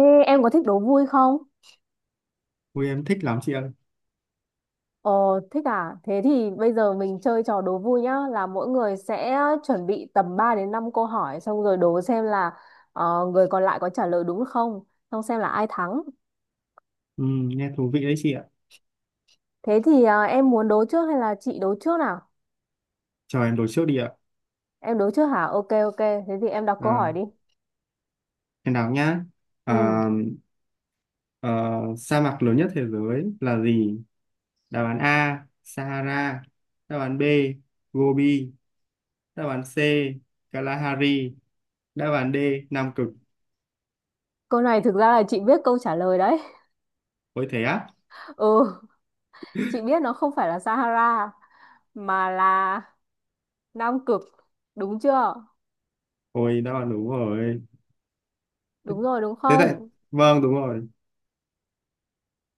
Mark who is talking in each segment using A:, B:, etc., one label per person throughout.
A: Ê, em có thích đố vui không?
B: Ui em thích lắm chị ơi.
A: Ờ, Thích à? Thế thì bây giờ mình chơi trò đố vui nhá, là mỗi người sẽ chuẩn bị tầm 3 đến 5 câu hỏi xong rồi đố xem là người còn lại có trả lời đúng không, xong xem là ai thắng.
B: Ừ, nghe thú vị đấy chị ạ.
A: Thế thì em muốn đố trước hay là chị đố trước nào?
B: Chờ em đổi trước đi ạ.
A: Em đố trước hả? Ok, ok, thế thì em đọc câu
B: À,
A: hỏi đi.
B: em đọc nhá.
A: Ừ,
B: À, ờ, Sa mạc lớn nhất thế giới là gì? Đáp án A, Sahara. Đáp án B, Gobi. Đáp án C, Kalahari. Đáp án D, Nam Cực.
A: câu này thực ra là chị biết câu trả lời đấy.
B: Ôi thế á?
A: Ừ, chị biết nó không phải là Sahara mà là Nam Cực, đúng chưa?
B: Ôi đáp án đúng rồi.
A: Đúng rồi đúng
B: Thế tại,
A: không?
B: vâng đúng rồi.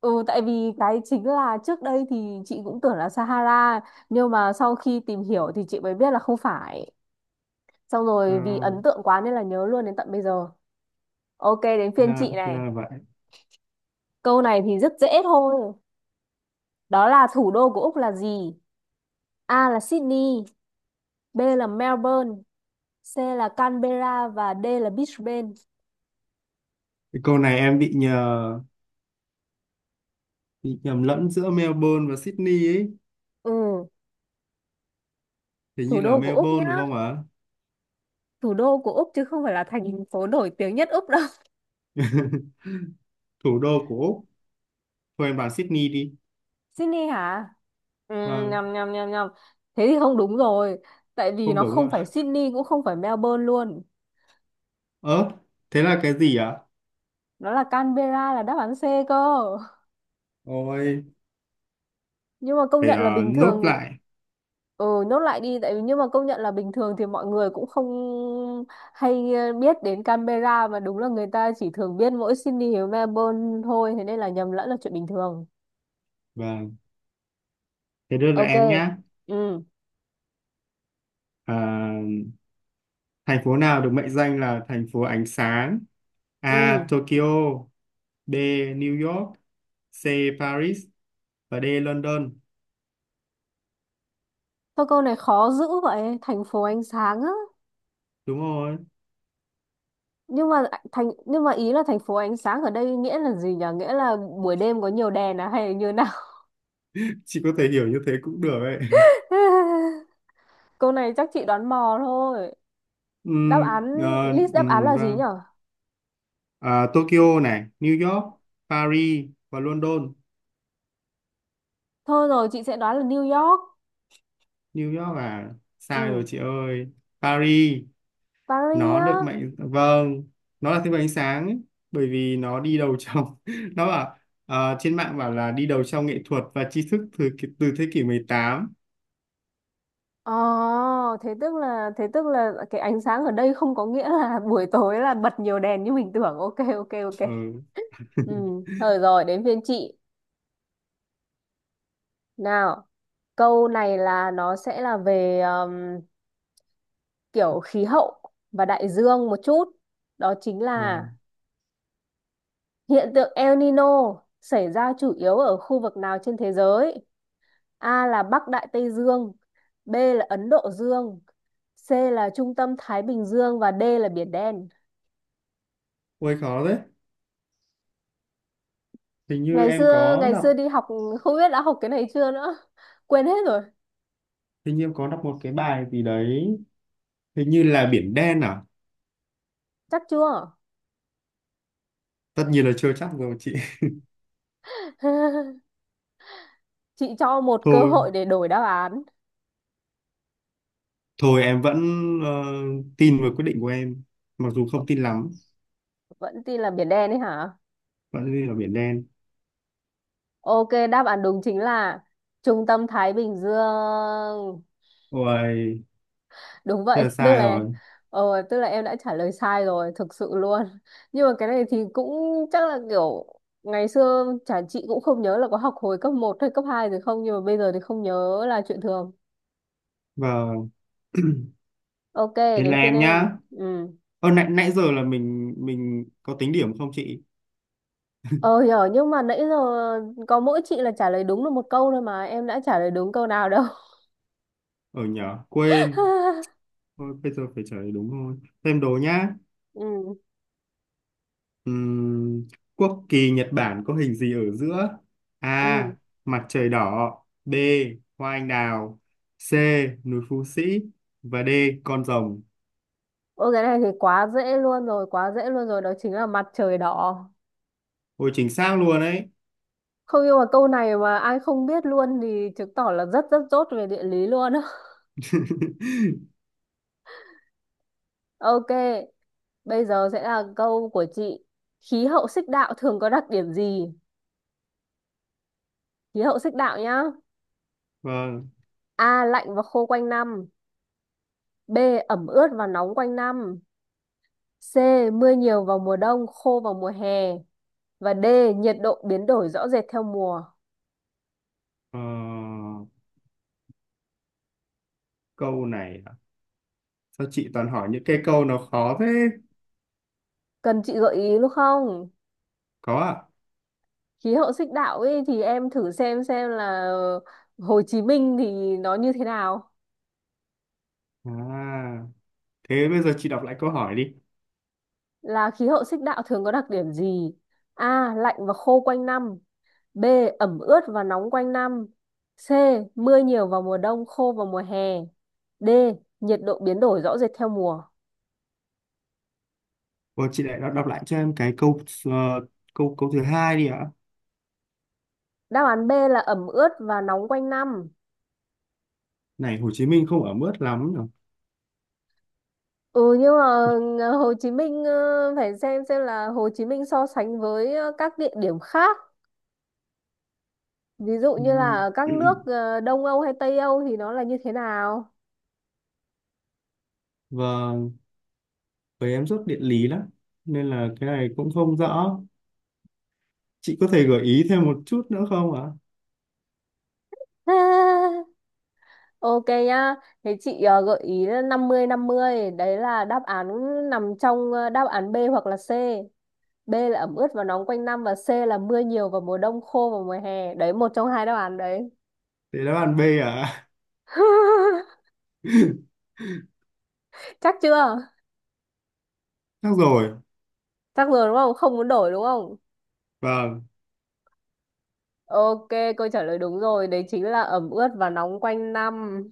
A: Ừ, tại vì cái chính là trước đây thì chị cũng tưởng là Sahara nhưng mà sau khi tìm hiểu thì chị mới biết là không phải. Xong rồi vì
B: À,
A: ấn tượng quá nên là nhớ luôn đến tận bây giờ. Ok, đến phiên
B: ra,
A: chị này.
B: ra là vậy.
A: Câu này thì rất dễ thôi. Đó là thủ đô của Úc là gì? A là Sydney, B là Melbourne, C là Canberra và D là Brisbane.
B: Cái câu này em bị nhầm lẫn giữa Melbourne và Sydney ấy.
A: Ừ,
B: Thì
A: thủ
B: như là
A: đô của Úc nhá.
B: Melbourne đúng không ạ?
A: Thủ đô của Úc chứ không phải là thành phố nổi tiếng nhất Úc đâu.
B: Thủ đô của Úc, thôi em bảo Sydney đi.
A: Sydney hả? Ừ,
B: Vâng,
A: nhầm nhầm nhầm nhầm, thế thì không đúng rồi, tại vì
B: không
A: nó
B: đúng
A: không phải
B: ạ.
A: Sydney cũng không phải Melbourne luôn,
B: Ớ, thế là cái gì ạ?
A: nó là Canberra, là đáp án C cơ.
B: Ôi,
A: Nhưng mà công
B: phải,
A: nhận là bình
B: nốt
A: thường.
B: lại.
A: Ừ, nốt lại đi, tại vì nhưng mà công nhận là bình thường thì mọi người cũng không hay biết đến Canberra, mà đúng là người ta chỉ thường biết mỗi Sydney và Melbourne thôi, thế nên là nhầm lẫn là chuyện bình thường.
B: Vâng, thế đưa lại
A: Ok.
B: em nhá.
A: Ừ.
B: Ờ, Thành phố nào được mệnh danh là thành phố ánh sáng? A.
A: Ừ.
B: Tokyo. B. New York. C. Paris. Và D. London.
A: Thôi, câu này khó dữ vậy, thành phố ánh sáng á?
B: Đúng rồi.
A: nhưng mà nhưng mà ý là thành phố ánh sáng ở đây nghĩa là gì nhở, nghĩa là buổi đêm có nhiều đèn à hay là như nào?
B: Chị có thể hiểu như thế cũng được ấy.
A: Câu này chắc chị đoán mò thôi. Đáp án
B: Ờ,
A: List đáp án là gì
B: vâng.
A: nhở?
B: Ờ, Tokyo này, New York, Paris và London.
A: Thôi rồi, chị sẽ đoán là New York.
B: New York à? Sai rồi
A: Ừ.
B: chị ơi. Paris.
A: Paris
B: Nó
A: á?
B: được mệnh Vâng, nó là thứ bảy ánh sáng ấy, bởi vì nó đi đầu trong, nó bảo, trên mạng bảo là đi đầu trong nghệ thuật và tri thức từ từ thế kỷ 18.
A: Ờ, thế tức là cái ánh sáng ở đây không có nghĩa là buổi tối là bật nhiều đèn như mình tưởng. Ok, ok, ok.
B: Ừ.
A: Ừ. Thôi rồi, đến phiên chị nào. Câu này là nó sẽ là về kiểu khí hậu và đại dương một chút. Đó chính là
B: Vâng.
A: hiện tượng El Nino xảy ra chủ yếu ở khu vực nào trên thế giới? A là Bắc Đại Tây Dương, B là Ấn Độ Dương, C là trung tâm Thái Bình Dương và D là Biển Đen.
B: Ôi khó đấy. Hình như em có
A: Ngày xưa
B: đọc.
A: đi học không biết đã học cái này chưa nữa. Quên hết rồi,
B: Hình như em có đọc một cái bài gì đấy, hình như là Biển Đen à?
A: chắc chưa?
B: Tất nhiên là chưa chắc rồi chị.
A: Chị cho một cơ
B: Thôi
A: hội để đổi đáp án.
B: thôi em vẫn, ờ, tin vào quyết định của em, mặc dù không tin lắm.
A: Vẫn tin là Biển Đen ấy hả?
B: Vẫn tin là Biển Đen.
A: Ok, đáp án đúng chính là Trung tâm Thái Bình Dương.
B: Ôi.
A: Đúng
B: Thế
A: vậy,
B: là
A: tức
B: sai
A: là
B: rồi.
A: tức là em đã trả lời sai rồi, thực sự luôn. Nhưng mà cái này thì cũng chắc là kiểu ngày xưa chả chị cũng không nhớ là có học hồi cấp một hay cấp 2 rồi không, nhưng mà bây giờ thì không nhớ là chuyện thường.
B: Và
A: Ok,
B: đến là
A: đến phiên
B: em
A: em.
B: nhá.
A: Ừ.
B: Nãy nãy giờ là mình có tính điểm không chị?
A: Ờ, hiểu, nhưng mà nãy giờ có mỗi chị là trả lời đúng được một câu thôi mà em đã trả lời đúng câu nào đâu.
B: Ở nhở, quên. Thôi bây giờ phải trả lời đúng thôi. Thêm đố nhá.
A: Ừ.
B: Ừm, Quốc kỳ Nhật Bản có hình gì ở giữa?
A: Ừ.
B: A. Mặt trời đỏ. B. Hoa anh đào. C. Núi Phú Sĩ. Và D. Con rồng.
A: Ôi cái này thì quá dễ luôn rồi, quá dễ luôn rồi, đó chính là mặt trời đỏ.
B: Ôi chính xác luôn đấy.
A: Không nhưng mà câu này mà ai không biết luôn thì chứng tỏ là rất rất dốt về địa lý luôn á. Ok, bây giờ sẽ là câu của chị. Khí hậu xích đạo thường có đặc điểm gì? Khí hậu xích đạo nhá.
B: Vâng.
A: A. Lạnh và khô quanh năm. B. Ẩm ướt và nóng quanh năm. C. Mưa nhiều vào mùa đông, khô vào mùa hè. Và D. Nhiệt độ biến đổi rõ rệt theo mùa.
B: Ờ, Câu này à? Sao chị toàn hỏi những cái câu nó khó thế?
A: Cần chị gợi ý luôn không?
B: Có ạ.
A: Khí hậu xích đạo ấy thì em thử xem là Hồ Chí Minh thì nó như thế nào.
B: À, thế bây giờ chị đọc lại câu hỏi đi.
A: Là khí hậu xích đạo thường có đặc điểm gì? A lạnh và khô quanh năm, B ẩm ướt và nóng quanh năm, C mưa nhiều vào mùa đông khô vào mùa hè, D nhiệt độ biến đổi rõ rệt theo mùa.
B: Ủa, chị lại đọc lại cho em cái câu, ờ, câu thứ hai đi ạ.
A: Đáp án B là ẩm ướt và nóng quanh năm.
B: Này, Hồ Chí Minh không ở mướt lắm nhỉ.
A: Ừ, nhưng mà Hồ Chí Minh, phải xem là Hồ Chí Minh so sánh với các địa điểm khác. Ví dụ như là
B: Ừm,
A: ở các nước Đông Âu hay Tây Âu thì nó là như thế nào?
B: Vâng, với em rất địa lý lắm nên là cái này cũng không rõ. Chị có thể gợi ý thêm một chút nữa không ạ?
A: Ok nhá. Thế chị gợi ý là 50-50, đấy là đáp án nằm trong đáp án B hoặc là C. B là ẩm ướt và nóng quanh năm và C là mưa nhiều vào mùa đông khô vào mùa hè. Đấy, một trong hai đáp án đấy.
B: Để đáp án B ạ.
A: Chắc chưa?
B: Chắc rồi.
A: Chắc rồi đúng không? Không muốn đổi đúng không?
B: Vâng,
A: Ok, câu trả lời đúng rồi, đấy chính là ẩm ướt và nóng quanh năm.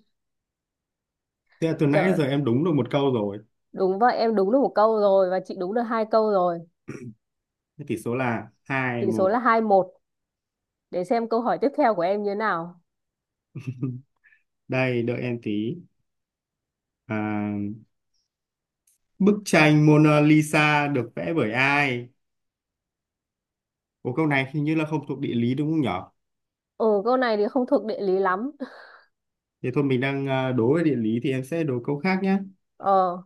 B: thế là từ nãy
A: Trời.
B: giờ em đúng được một câu rồi.
A: Đúng vậy, em đúng được một câu rồi và chị đúng được hai câu rồi.
B: Thế tỷ số là hai
A: Tỷ số là
B: một.
A: 2-1, để xem câu hỏi tiếp theo của em như thế nào.
B: Đây, đợi em tí. À, bức tranh Mona Lisa được vẽ bởi ai? Ủa câu này hình như là không thuộc địa lý đúng không nhở?
A: Ừ, câu này thì không thuộc địa lý lắm.
B: Thì thôi mình đang à, đố về địa lý thì em sẽ đố câu khác nhé.
A: Ờ,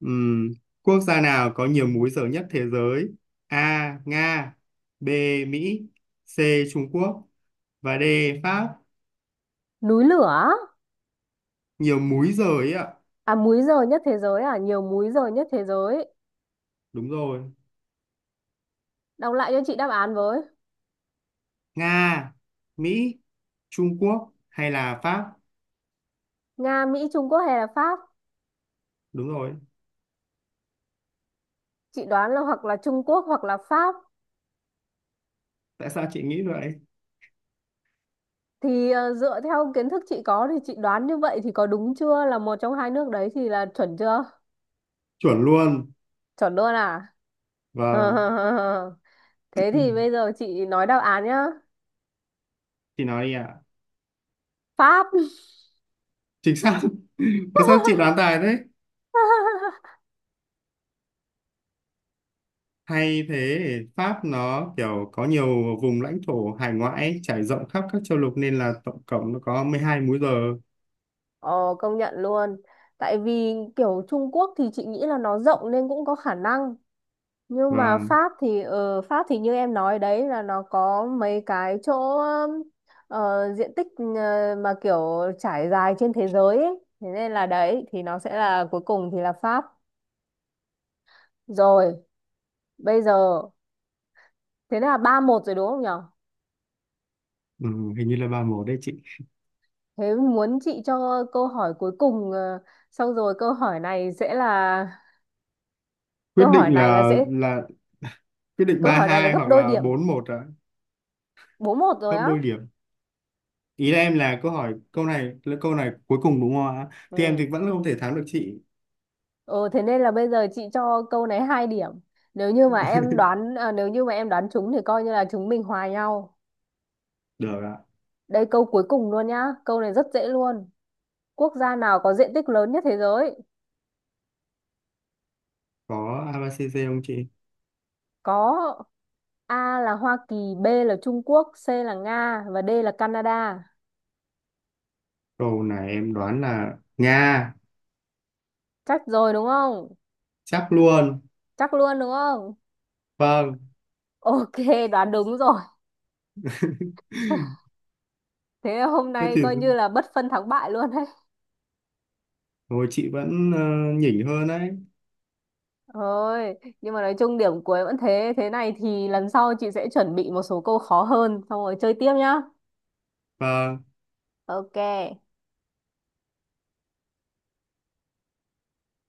B: Ừm, Quốc gia nào có nhiều múi giờ nhất thế giới? A. Nga. B. Mỹ. C. Trung Quốc. Và D. Pháp.
A: núi lửa á?
B: Nhiều múi giờ ấy ạ.
A: À, múi giờ nhất thế giới à, nhiều múi giờ nhất thế giới.
B: Đúng rồi.
A: Đọc lại cho chị đáp án với.
B: Nga, Mỹ, Trung Quốc hay là Pháp?
A: Nga, Mỹ, Trung Quốc hay là Pháp?
B: Đúng rồi.
A: Chị đoán là hoặc là Trung Quốc hoặc là Pháp.
B: Tại sao chị nghĩ vậy?
A: Thì dựa theo kiến thức chị có thì chị đoán như vậy thì có đúng chưa? Là một trong hai nước đấy thì là chuẩn chưa?
B: Chuẩn luôn.
A: Chuẩn luôn à?
B: Và
A: Thế thì bây giờ chị nói đáp án nhá.
B: chị nói đi ạ.
A: Pháp.
B: Chính xác. Mà sao chị đoán tài thế. Hay thế, Pháp nó kiểu có nhiều vùng lãnh thổ hải ngoại trải rộng khắp các châu lục nên là tổng cộng nó có 12 múi giờ.
A: Ờ, công nhận luôn. Tại vì kiểu Trung Quốc thì chị nghĩ là nó rộng nên cũng có khả năng. Nhưng mà
B: Và
A: Pháp thì như em nói đấy là nó có mấy cái chỗ diện tích mà kiểu trải dài trên thế giới ấy. Thế nên là đấy thì nó sẽ là cuối cùng thì là Pháp. Rồi, bây giờ thế là 3-1 rồi đúng không nhở?
B: ừ, hình như là 3-1 đấy chị.
A: Thế muốn chị cho câu hỏi cuối cùng, xong rồi
B: Quyết
A: câu hỏi
B: định
A: này là
B: là
A: sẽ
B: là quyết định
A: câu
B: ba
A: hỏi này là
B: hai
A: gấp
B: hoặc
A: đôi
B: là
A: điểm.
B: 4-1 ạ,
A: 4-1 rồi
B: gấp
A: á.
B: đôi điểm. Ý là em, là câu hỏi, câu này cuối cùng đúng không ạ? Thì em
A: Ừ.
B: thì vẫn không thể thắng được chị.
A: Ừ, thế nên là bây giờ chị cho câu này 2 điểm. Nếu như mà em đoán, trúng thì coi như là chúng mình hòa nhau.
B: Được ạ.
A: Đây, câu cuối cùng luôn nhá. Câu này rất dễ luôn. Quốc gia nào có diện tích lớn nhất thế giới?
B: Có ABCD không chị?
A: Có. A là Hoa Kỳ, B là Trung Quốc, C là Nga và D là Canada.
B: Câu này em đoán là Nga,
A: Chắc rồi đúng không?
B: chắc luôn.
A: Chắc luôn đúng không?
B: Vâng.
A: Ok, đoán đúng rồi. Thế hôm
B: Thế
A: nay
B: thì
A: coi như là bất phân thắng bại luôn đấy.
B: rồi chị vẫn, nhỉnh hơn đấy.
A: Thôi, nhưng mà nói chung điểm cuối vẫn thế. Thế này thì lần sau chị sẽ chuẩn bị một số câu khó hơn, xong rồi chơi tiếp nhá.
B: Và
A: Ok.